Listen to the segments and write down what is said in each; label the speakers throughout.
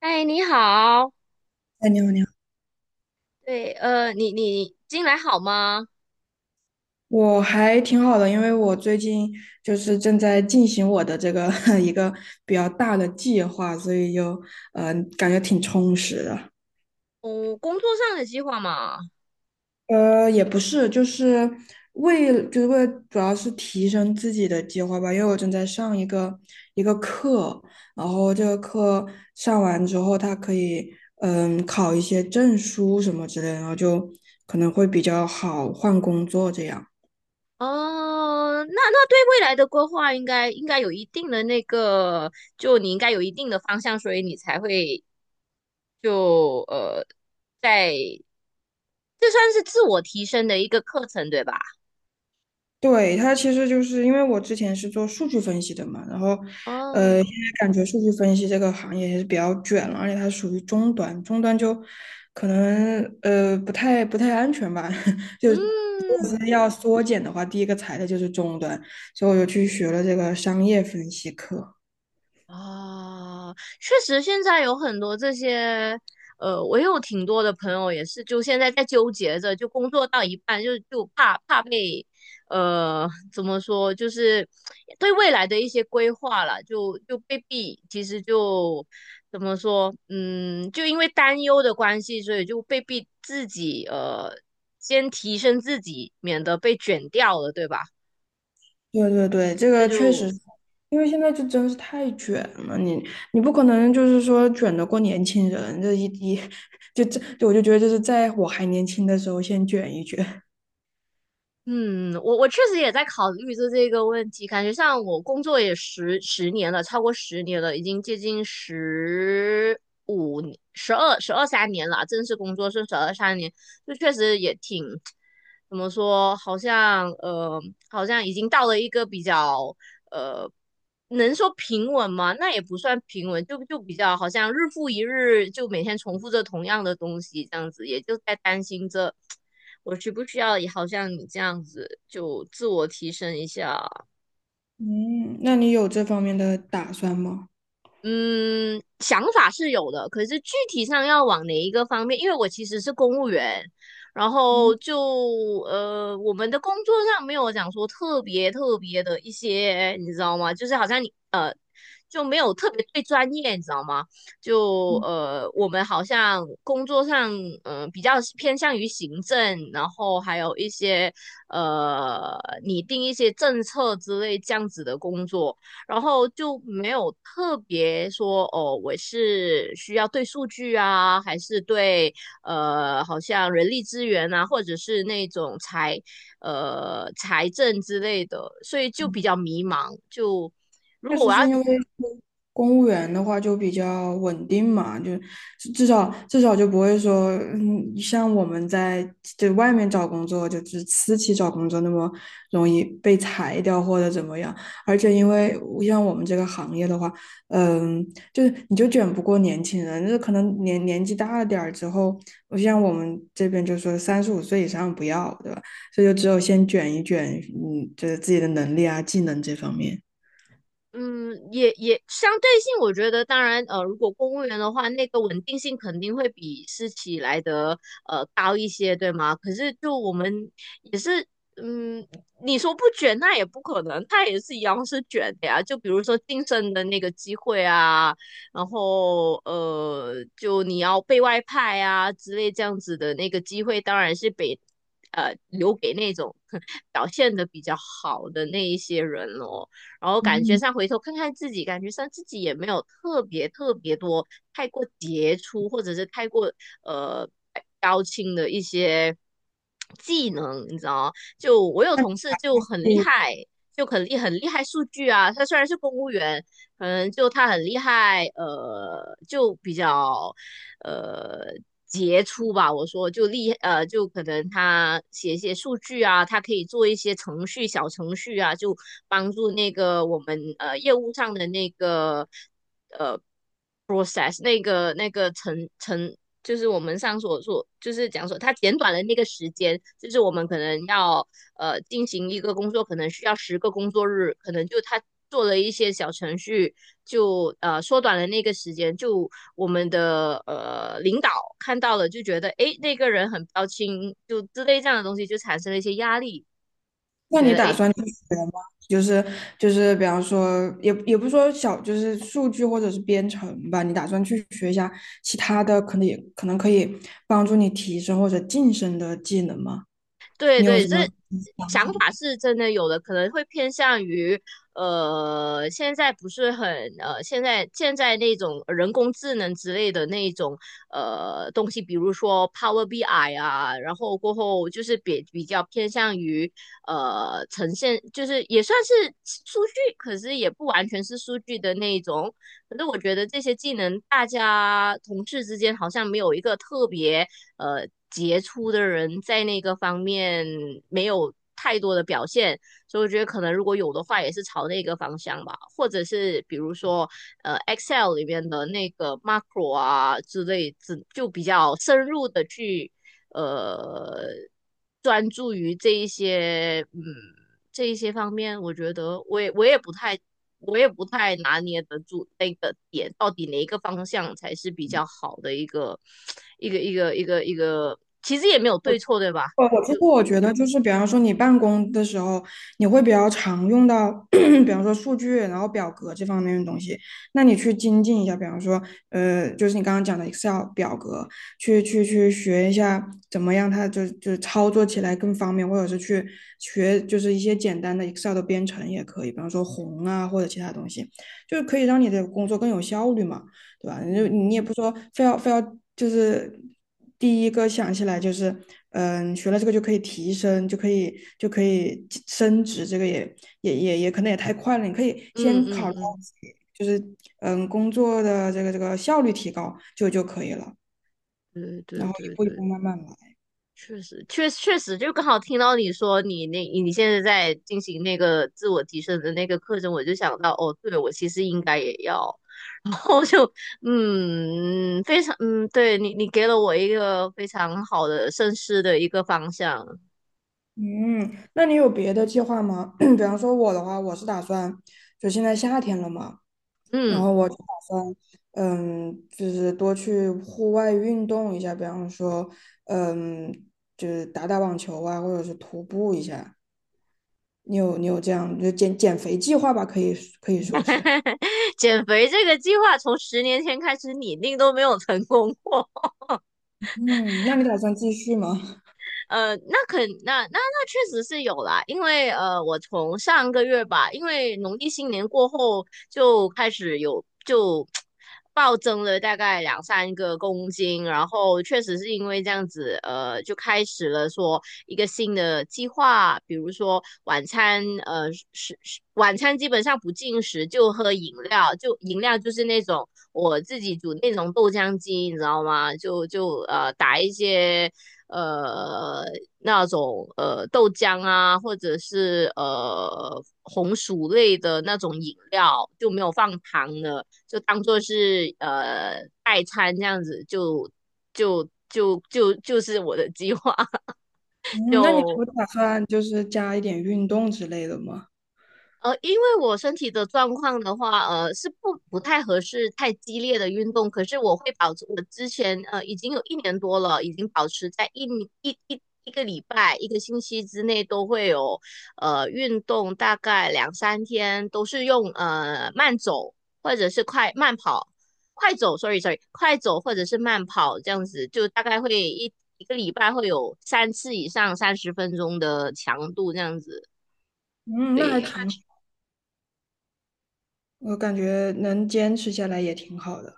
Speaker 1: 哎，你好。
Speaker 2: 哎，你好，你好。
Speaker 1: 对，你近来好吗？
Speaker 2: 我还挺好的，因为我最近就是正在进行我的这个 一个比较大的计划，所以就感觉挺充实的。
Speaker 1: 嗯，工作上的计划嘛。
Speaker 2: 呃，也不是，就是为了主要是提升自己的计划吧，因为我正在上一个课，然后这个课上完之后，它可以嗯考一些证书什么之类的，然后就可能会比较好换工作这样。
Speaker 1: 哦，那对未来的规划应该有一定的那个，就你应该有一定的方向，所以你才会就呃，在这算是自我提升的一个课程，对吧？
Speaker 2: 对，它其实就是因为我之前是做数据分析的嘛，然后，呃，现
Speaker 1: 哦。
Speaker 2: 在感觉数据分析这个行业也是比较卷了，而且它属于中端，中端就可能不太安全吧，就如
Speaker 1: 嗯。
Speaker 2: 果是要缩减的话，第一个裁的就是中端，所以我就去学了这个商业分析课。
Speaker 1: 啊，确实，现在有很多这些，我有挺多的朋友也是，就现在在纠结着，就工作到一半就怕被，怎么说，就是对未来的一些规划了，就被逼，其实就怎么说，嗯，就因为担忧的关系，所以就被逼自己，先提升自己，免得被卷掉了，对吧？
Speaker 2: 对对对，这
Speaker 1: 这
Speaker 2: 个确实
Speaker 1: 就
Speaker 2: 是因为现在就真是太卷了，你不可能就是说卷得过年轻人，这 就这，就我就觉得就是在我还年轻的时候先卷一卷。
Speaker 1: 嗯，我确实也在考虑着这个问题，感觉像我工作也十年了，超过十年了，已经接近15年十二、十二三年了啊正式工作是十二三年，就确实也挺，怎么说，好像呃，好像已经到了一个比较呃能说平稳吗？那也不算平稳，就比较好像日复一日，就每天重复着同样的东西，这样子，也就在担心着我需不需要，也好像你这样子就自我提升一下。
Speaker 2: 嗯，那你有这方面的打算吗？
Speaker 1: 嗯，想法是有的，可是具体上要往哪一个方面？因为我其实是公务员，然后
Speaker 2: 哦，
Speaker 1: 我们的工作上没有讲说特别特别的一些，你知道吗？就是好像你就没有特别对专业，你知道吗？我们好像工作上比较偏向于行政，然后还有一些呃拟定一些政策之类这样子的工作。然后就没有特别说哦，我是需要对数据啊，还是对好像人力资源啊，或者是那种财政之类的，所以就比较迷茫。就如
Speaker 2: 确
Speaker 1: 果
Speaker 2: 实
Speaker 1: 我要
Speaker 2: 是因为公务员的话就比较稳定嘛，就至少就不会说，像我们在就外面找工作，就是私企找工作那么容易被裁掉或者怎么样。而且因为像我们这个行业的话，嗯，就是你就卷不过年轻人，就是可能年纪大了点儿之后，我像我们这边就说35岁以上不要，对吧？所以就只有先卷一卷，嗯，就是自己的能力啊、技能这方面。
Speaker 1: 嗯，也相对性，我觉得当然如果公务员的话，那个稳定性肯定会比私企来的高一些，对吗？可是就我们是，嗯，你说不卷，那也不可能，他也是一样是卷的呀。就比如说晋升的那个机会啊，然后就你要被外派啊之类这样子的那个机会，当然是被留给那种 表现的比较好的那一些人咯。然后感觉上回头看看自己，感觉上自己也没有特别特别多太过杰出，或者是太过呃高清的一些技能，你知道吗？就我有同事就很厉害，就很厉害数据啊。他虽然是公务员，可能就他很厉害，就比较呃。杰出吧，我说就可能他写一些数据啊，他可以做一些程序、小程序啊，就帮助那个我们业务上的那个 process 那个就是我们上所说，就是讲说他简短了那个时间，就是我们可能要进行一个工作，可能需要10个工作日，可能就他做了一些小程序，就缩短了那个时间，就我们的领导看到了就觉得诶那个人很标清，就之类这样的东西就产生了一些压力。
Speaker 2: 那
Speaker 1: 觉
Speaker 2: 你
Speaker 1: 得
Speaker 2: 打
Speaker 1: 哎，
Speaker 2: 算去学吗？就是就是，比方说，也不是说小，就是数据或者是编程吧。你打算去学一下其他的，可能可以帮助你提升或者晋升的技能吗？
Speaker 1: 对
Speaker 2: 你有
Speaker 1: 对，
Speaker 2: 什
Speaker 1: 这
Speaker 2: 么想
Speaker 1: 想
Speaker 2: 法？
Speaker 1: 法是真的有的，可能会偏向于现在不是很现在那种人工智能之类的那种东西，比如说 Power BI 啊，然后过后就是比较偏向于呈现，就是也算是数据，可是也不完全是数据的那一种。可是我觉得这些技能，大家同事之间好像没有一个特别杰出的人在那个方面没有太多的表现，所以我觉得可能如果有的话，也是朝那个方向吧，或者是比如说Excel 里面的那个 macro 啊之类，只就比较深入的去呃专注于这一些方面，我觉得我也不太拿捏得住那个点，到底哪一个方向才是比较好的一个 一个，其实也没有对错，对吧？
Speaker 2: 我其
Speaker 1: 就
Speaker 2: 实我觉得就是，比方说你办公的时候，你会比较常用到，比方说数据，然后表格这方面的东西。那你去精进一下，比方说，呃，就是你刚刚讲的 Excel 表格，去学一下怎么样它就操作起来更方便，或者是去学就是一些简单的 Excel 的编程也可以，比方说宏啊或者其他东西，就是可以让你的工作更有效率嘛。对吧？你就
Speaker 1: 嗯
Speaker 2: 你也不说非要就是第一个想起来就是嗯，学了这个就可以提升，就可以升职，这个也可能也太快了。你可以
Speaker 1: 嗯
Speaker 2: 先考虑到
Speaker 1: 嗯
Speaker 2: 自己就是嗯工作的这个效率提高就可以了，
Speaker 1: 嗯，
Speaker 2: 然
Speaker 1: 对
Speaker 2: 后一
Speaker 1: 对对
Speaker 2: 步一步
Speaker 1: 对。
Speaker 2: 慢慢来。
Speaker 1: 确实，确实，就刚好听到你说你现在在进行那个自我提升的那个课程，我就想到，哦，对，我其实应该也要，然后就非常对你给了我一个非常好的深思的一个方向，
Speaker 2: 嗯，那你有别的计划吗？比方说我的话，我是打算就现在夏天了嘛，然
Speaker 1: 嗯。
Speaker 2: 后我就打算，嗯，就是多去户外运动一下，比方说，嗯，就是打打网球啊，或者是徒步一下。你有这样就减减肥计划吧？可以可以说是。
Speaker 1: 减肥这个计划从10年前开始拟定都没有成功过。
Speaker 2: 嗯，那你打算继续吗？
Speaker 1: 那肯那那那确实是有啦，因为我从上个月吧，因为农历新年过后就开始有就暴增了大概两三个公斤，然后确实是因为这样子，就开始了说一个新的计划，比如说晚餐，是晚餐基本上不进食，就喝饮料，就饮料就是那种我自己煮那种豆浆机，你知道吗？就打一些呃那种豆浆啊，或者是红薯类的那种饮料，就没有放糖的，就当做是代餐这样子，就是我的计划，
Speaker 2: 嗯，那你
Speaker 1: 就
Speaker 2: 不打算就是加一点运动之类的吗？
Speaker 1: 因为我身体的状况的话，是不太合适太激烈的运动。可是我会保持，我之前已经有一年多了，已经保持在一个礼拜、一个星期之内都会有运动，大概两三天都是用慢走或者是快慢跑，快走，快走或者是慢跑这样子，就大概会个礼拜会有3次以上30分钟的强度这样子。
Speaker 2: 嗯，那还
Speaker 1: 对。
Speaker 2: 挺，我感觉能坚持下来也挺好的。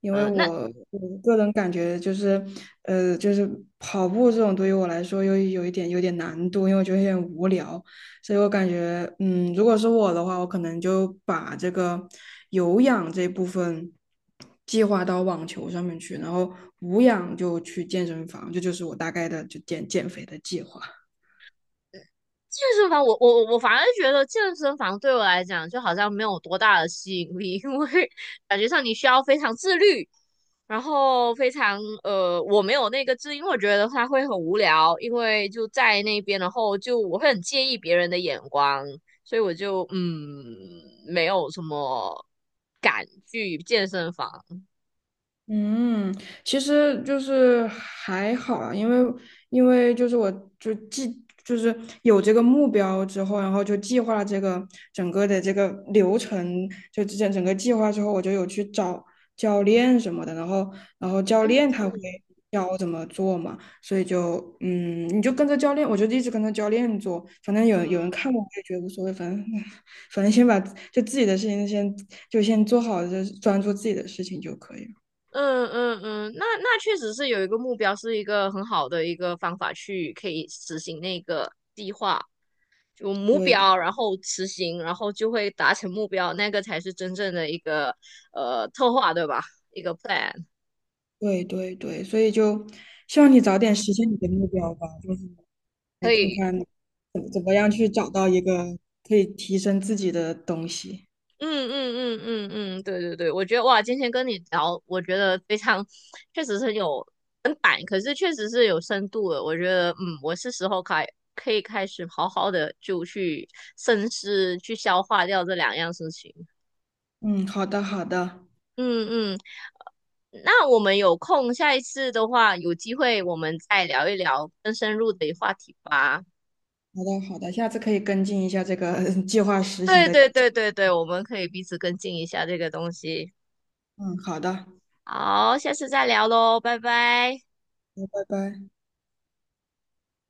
Speaker 2: 因为
Speaker 1: 那
Speaker 2: 我个人感觉就是，呃，就是跑步这种对于我来说有一点有点难度，因为我觉得有点无聊，所以我感觉，嗯，如果是我的话，我可能就把这个有氧这部分计划到网球上面去，然后无氧就去健身房，这就是我大概的就减减肥的计划。
Speaker 1: 健身房我，我反而觉得健身房对我来讲就好像没有多大的吸引力，因为感觉上你需要非常自律，然后非常呃，我没有那个自律因为我觉得它会很无聊，因为就在那边，然后就我会很介意别人的眼光，所以我就没有什么敢去健身房。
Speaker 2: 嗯，其实就是还好啊，因为就是我就计就是有这个目标之后，然后就计划这个整个的这个流程，就之前整个计划之后，我就有去找教练什么的，然后教
Speaker 1: 还有
Speaker 2: 练
Speaker 1: 教
Speaker 2: 他会
Speaker 1: 练。
Speaker 2: 教我怎么做嘛，所以就嗯，你就跟着教练，我就一直跟着教练做，反正有人看我，
Speaker 1: 嗯。
Speaker 2: 我也觉得无所谓，反正 反正先把就自己的事情先做好，就是专注自己的事情就可以了。
Speaker 1: 嗯嗯嗯，那确实是有一个目标，是一个很好的一个方法去可以实行那个计划，就目
Speaker 2: 对的，
Speaker 1: 标，然后实行，然后就会达成目标，那个才是真正的一个策划，对吧？一个 plan。
Speaker 2: 对对对，所以就希望你早点实现你的目标吧，来
Speaker 1: 可
Speaker 2: 看
Speaker 1: 以。
Speaker 2: 看怎么样去找到一个可以提升自己的东西。
Speaker 1: 嗯嗯嗯嗯嗯，对对对。我觉得哇，今天跟你聊，我觉得非常，确实是很有很板，可是确实是有深度的。我觉得，我是时候可以开始好好的就去深思，去消化掉这两样事情。
Speaker 2: 嗯，好的，好的，好
Speaker 1: 嗯嗯。那我们有空，下一次的话，有机会我们再聊一聊更深入的话题吧。
Speaker 2: 的，好的，下次可以跟进一下这个 计划实行
Speaker 1: 对
Speaker 2: 的
Speaker 1: 对
Speaker 2: 进
Speaker 1: 对对对，我们可以彼此跟进一下这个东西。
Speaker 2: 嗯，好的，
Speaker 1: 好，下次再聊喽，拜拜。
Speaker 2: 那拜拜。